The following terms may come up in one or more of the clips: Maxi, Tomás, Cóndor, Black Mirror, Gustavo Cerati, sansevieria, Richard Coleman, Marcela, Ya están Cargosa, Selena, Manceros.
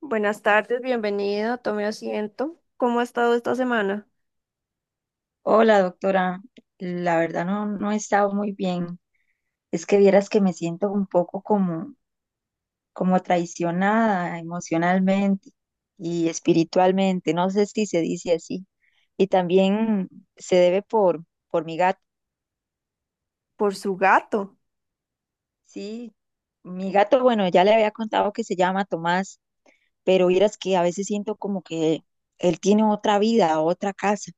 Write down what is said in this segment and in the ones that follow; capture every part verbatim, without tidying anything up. Buenas tardes, bienvenido, tome asiento. ¿Cómo ha estado esta semana? Hola, doctora. La verdad no, no he estado muy bien. Es que vieras que me siento un poco como, como traicionada emocionalmente y espiritualmente. No sé si se dice así. Y también se debe por, por mi gato. Por su gato. Sí, mi gato, bueno, ya le había contado que se llama Tomás, pero vieras que a veces siento como que él tiene otra vida, otra casa.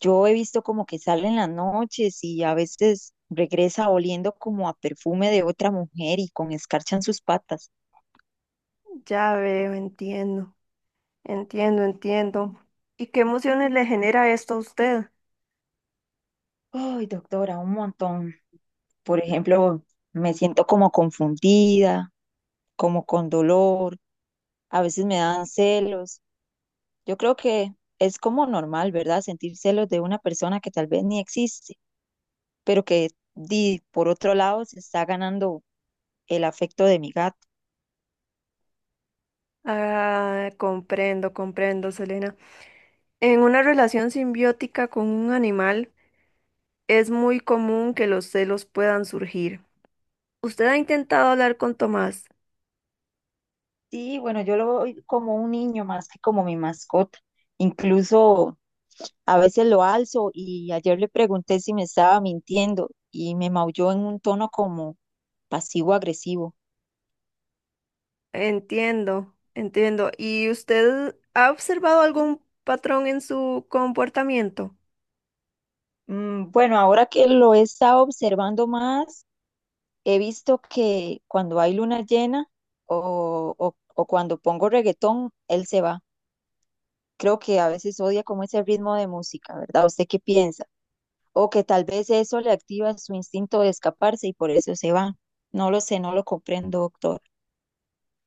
Yo he visto como que sale en las noches y a veces regresa oliendo como a perfume de otra mujer y con escarcha en sus patas. Ya veo, entiendo, entiendo, entiendo. ¿Y qué emociones le genera esto a usted? Ay, doctora, un montón. Por ejemplo, me siento como confundida, como con dolor, a veces me dan celos. Yo creo que es como normal, ¿verdad? Sentir celos de una persona que tal vez ni existe, pero que di- por otro lado se está ganando el afecto de mi gato. Ah, comprendo, comprendo, Selena. En una relación simbiótica con un animal, es muy común que los celos puedan surgir. ¿Usted ha intentado hablar con Tomás? Sí, bueno, yo lo veo como un niño más que como mi mascota. Incluso a veces lo alzo y ayer le pregunté si me estaba mintiendo y me maulló en un tono como pasivo-agresivo. Entiendo, entiendo. ¿Y usted ha observado algún patrón en su comportamiento? Mm, bueno, ahora que lo he estado observando más, he visto que cuando hay luna llena o, o, o cuando pongo reggaetón, él se va. Creo que a veces odia como ese ritmo de música, ¿verdad? ¿Usted qué piensa? O que tal vez eso le activa su instinto de escaparse y por eso se va. No lo sé, no lo comprendo, doctor.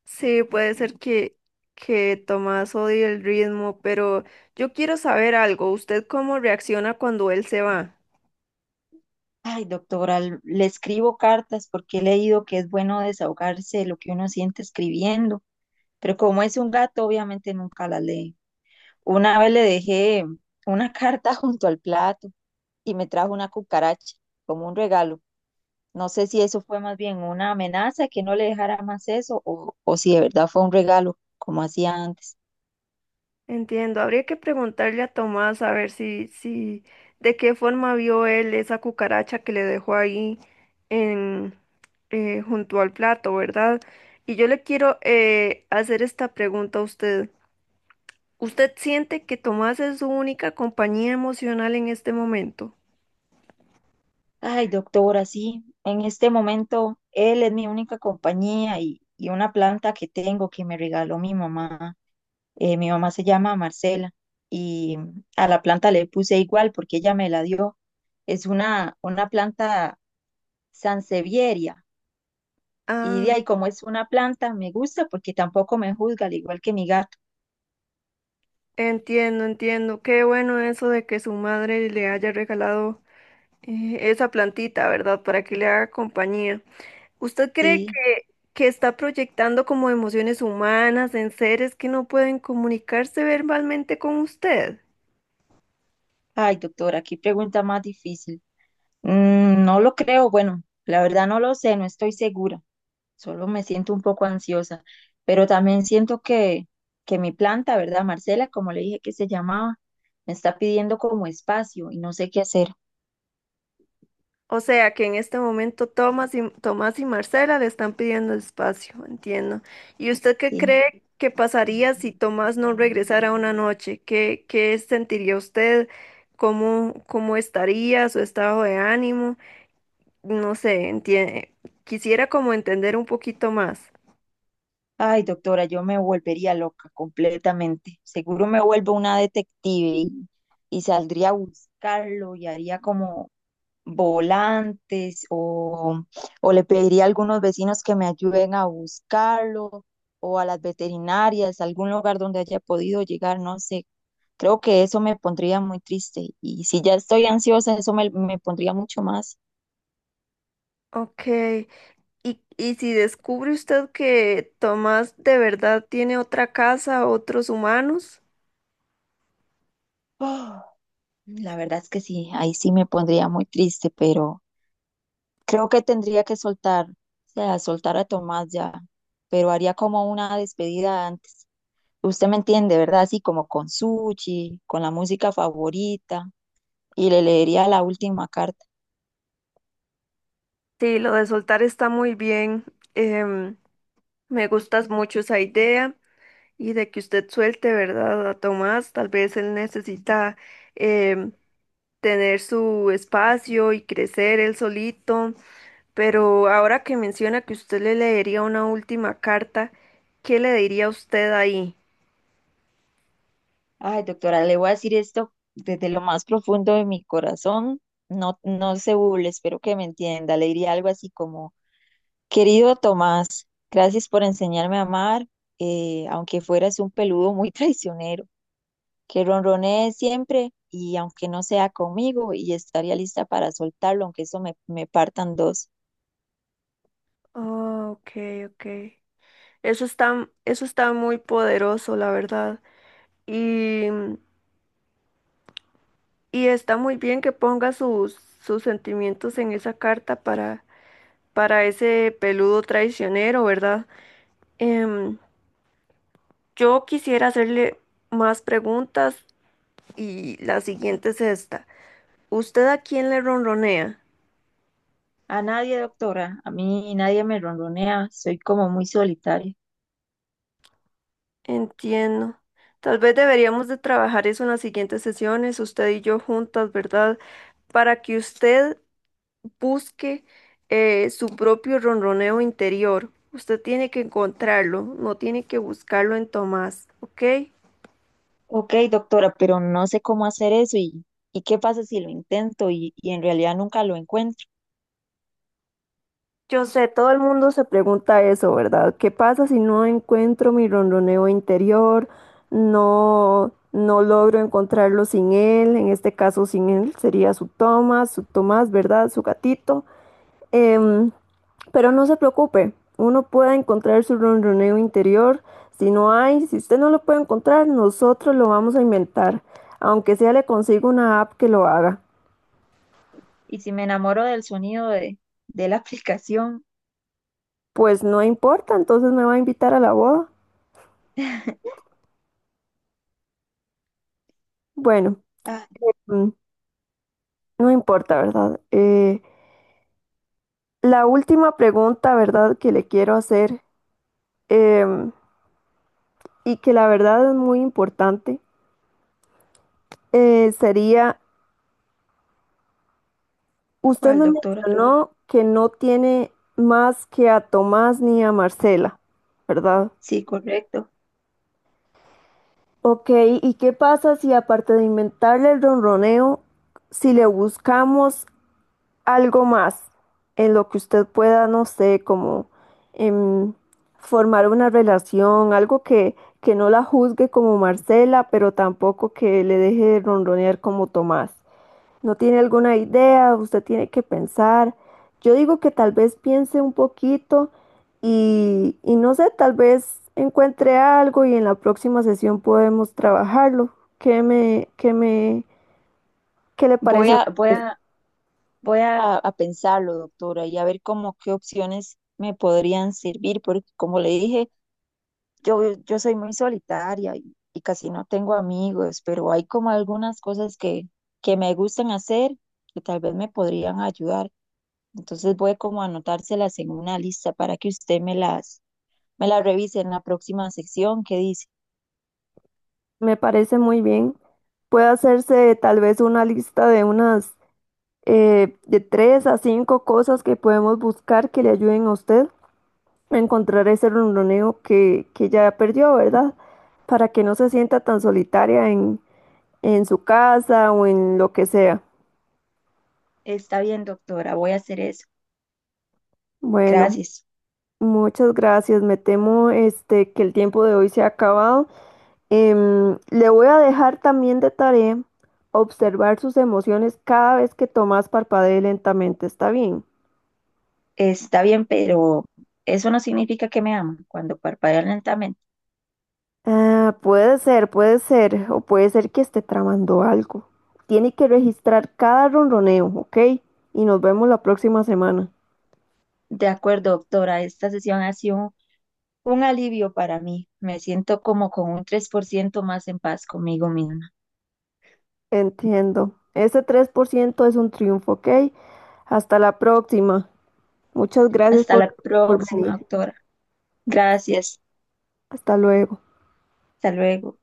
Sí, puede ser que, que Tomás odie el ritmo, pero yo quiero saber algo. ¿Usted cómo reacciona cuando él se va? Ay, doctora, l- le escribo cartas porque he leído que es bueno desahogarse de lo que uno siente escribiendo, pero como es un gato, obviamente nunca la lee. Una vez le dejé una carta junto al plato y me trajo una cucaracha como un regalo. No sé si eso fue más bien una amenaza que no le dejara más eso o, o si de verdad fue un regalo, como hacía antes. Entiendo, habría que preguntarle a Tomás a ver si, si, de qué forma vio él esa cucaracha que le dejó ahí en, eh, junto al plato, ¿verdad? Y yo le quiero eh, hacer esta pregunta a usted. ¿Usted siente que Tomás es su única compañía emocional en este momento? Ay, doctora, sí, en este momento él es mi única compañía y, y una planta que tengo que me regaló mi mamá. Eh, mi mamá se llama Marcela y a la planta le puse igual porque ella me la dio. Es una, una planta sansevieria y Ah, de ahí como es una planta me gusta porque tampoco me juzga, al igual que mi gato. entiendo, entiendo. Qué bueno eso de que su madre le haya regalado eh, esa plantita, ¿verdad? Para que le haga compañía. ¿Usted cree Sí, que, que está proyectando como emociones humanas en seres que no pueden comunicarse verbalmente con usted? ay, doctora, qué pregunta más difícil. Mm, no lo creo, bueno, la verdad no lo sé, no estoy segura. Solo me siento un poco ansiosa, pero también siento que, que mi planta, ¿verdad, Marcela? Como le dije que se llamaba, me está pidiendo como espacio y no sé qué hacer, O sea, que en este momento Tomás y, Tomás y Marcela le están pidiendo espacio, entiendo. ¿Y usted qué ¿sí? cree que pasaría si Tomás no regresara una noche? ¿Qué, qué sentiría usted? ¿Cómo, cómo estaría su estado de ánimo? No sé, entiende. Quisiera como entender un poquito más. Ay, doctora, yo me volvería loca completamente. Seguro me vuelvo una detective y, y saldría a buscarlo y haría como volantes o, o le pediría a algunos vecinos que me ayuden a buscarlo o a las veterinarias, algún lugar donde haya podido llegar, no sé. Creo que eso me pondría muy triste y si ya estoy ansiosa, eso me, me pondría mucho más. Ok. Y, y si descubre usted que Tomás de verdad tiene otra casa, otros humanos, Oh, la verdad es que sí, ahí sí me pondría muy triste, pero creo que tendría que soltar, o sea, soltar a Tomás ya, pero haría como una despedida antes. Usted me entiende, ¿verdad? Así como con sushi, con la música favorita, y le leería la última carta. sí, lo de soltar está muy bien. Em, Me gustas mucho esa idea y de que usted suelte, ¿verdad? A Tomás, tal vez él necesita em, tener su espacio y crecer él solito. Pero ahora que menciona que usted le leería una última carta, ¿qué le diría usted ahí? Ay, doctora, le voy a decir esto desde lo más profundo de mi corazón. No, no se burle, espero que me entienda. Le diría algo así como, querido Tomás, gracias por enseñarme a amar, eh, aunque fueras un peludo muy traicionero, que ronronee siempre y aunque no sea conmigo, y estaría lista para soltarlo, aunque eso me, me partan dos. Oh, ok, ok. Eso está, eso está muy poderoso, la verdad. Y, y está muy bien que ponga sus, sus sentimientos en esa carta para, para ese peludo traicionero, ¿verdad? Em, yo quisiera hacerle más preguntas y la siguiente es esta. ¿Usted a quién le ronronea? A nadie, doctora. A mí nadie me ronronea. Soy como muy solitaria. Entiendo. Tal vez deberíamos de trabajar eso en las siguientes sesiones, usted y yo juntas, ¿verdad? Para que usted busque eh, su propio ronroneo interior. Usted tiene que encontrarlo, no tiene que buscarlo en Tomás, ¿ok? Ok, doctora, pero no sé cómo hacer eso y, y qué pasa si lo intento y, y en realidad nunca lo encuentro. Yo sé, todo el mundo se pregunta eso, ¿verdad? ¿Qué pasa si no encuentro mi ronroneo interior? No, no logro encontrarlo sin él, en este caso sin él sería su Tomás, su Tomás, ¿verdad? Su gatito. Em, pero no se preocupe, uno puede encontrar su ronroneo interior. Si no hay, si usted no lo puede encontrar, nosotros lo vamos a inventar. Aunque sea le consigo una app que lo haga. Y si me enamoro del sonido de, de la aplicación. Pues no importa, entonces me va a invitar a la boda. Bueno, Ah, mm, no importa, ¿verdad? Eh, la última pregunta, ¿verdad?, que le quiero hacer, em, y que la verdad es muy importante, eh, sería usted ¿cuál, me doctora? mencionó que no tiene más que a Tomás ni a Marcela, ¿verdad? Sí, correcto. Ok, ¿y qué pasa si aparte de inventarle el ronroneo, si le buscamos algo más en lo que usted pueda, no sé, como em, formar una relación, algo que, que no la juzgue como Marcela, pero tampoco que le deje de ronronear como Tomás? No tiene alguna idea, usted tiene que pensar. Yo digo que tal vez piense un poquito y, y no sé, tal vez encuentre algo y en la próxima sesión podemos trabajarlo. ¿Qué me, qué me, qué le Voy parece a a, voy usted? a, voy a, a pensarlo, doctora, y a ver cómo qué opciones me podrían servir, porque como le dije, Yo, yo soy muy solitaria y, y casi no tengo amigos, pero hay como algunas cosas que, que me gustan hacer que tal vez me podrían ayudar. Entonces voy como a anotárselas en una lista para que usted me las, me las revise en la próxima sección que dice, Me parece muy bien. Puede hacerse tal vez una lista de unas, eh, de tres a cinco cosas que podemos buscar que le ayuden a usted encontrar ese ronroneo que, que ya perdió, ¿verdad? Para que no se sienta tan solitaria en, en su casa o en lo que sea. está bien, doctora, voy a hacer eso. Bueno, Gracias. muchas gracias. Me temo este, que el tiempo de hoy se ha acabado. Em, le voy a dejar también de tarea observar sus emociones cada vez que Tomás parpadee lentamente. ¿Está bien? Está bien, pero eso no significa que me aman cuando parpadean lentamente. Ah, puede ser, puede ser, o puede ser que esté tramando algo. Tiene que registrar cada ronroneo, ¿ok? Y nos vemos la próxima semana. De acuerdo, doctora, esta sesión ha sido un alivio para mí. Me siento como con un tres por ciento más en paz conmigo misma. Entiendo. Ese tres por ciento es un triunfo, ¿ok? Hasta la próxima. Muchas gracias Hasta por, la por próxima, venir. doctora. Gracias. Hasta luego. Hasta luego.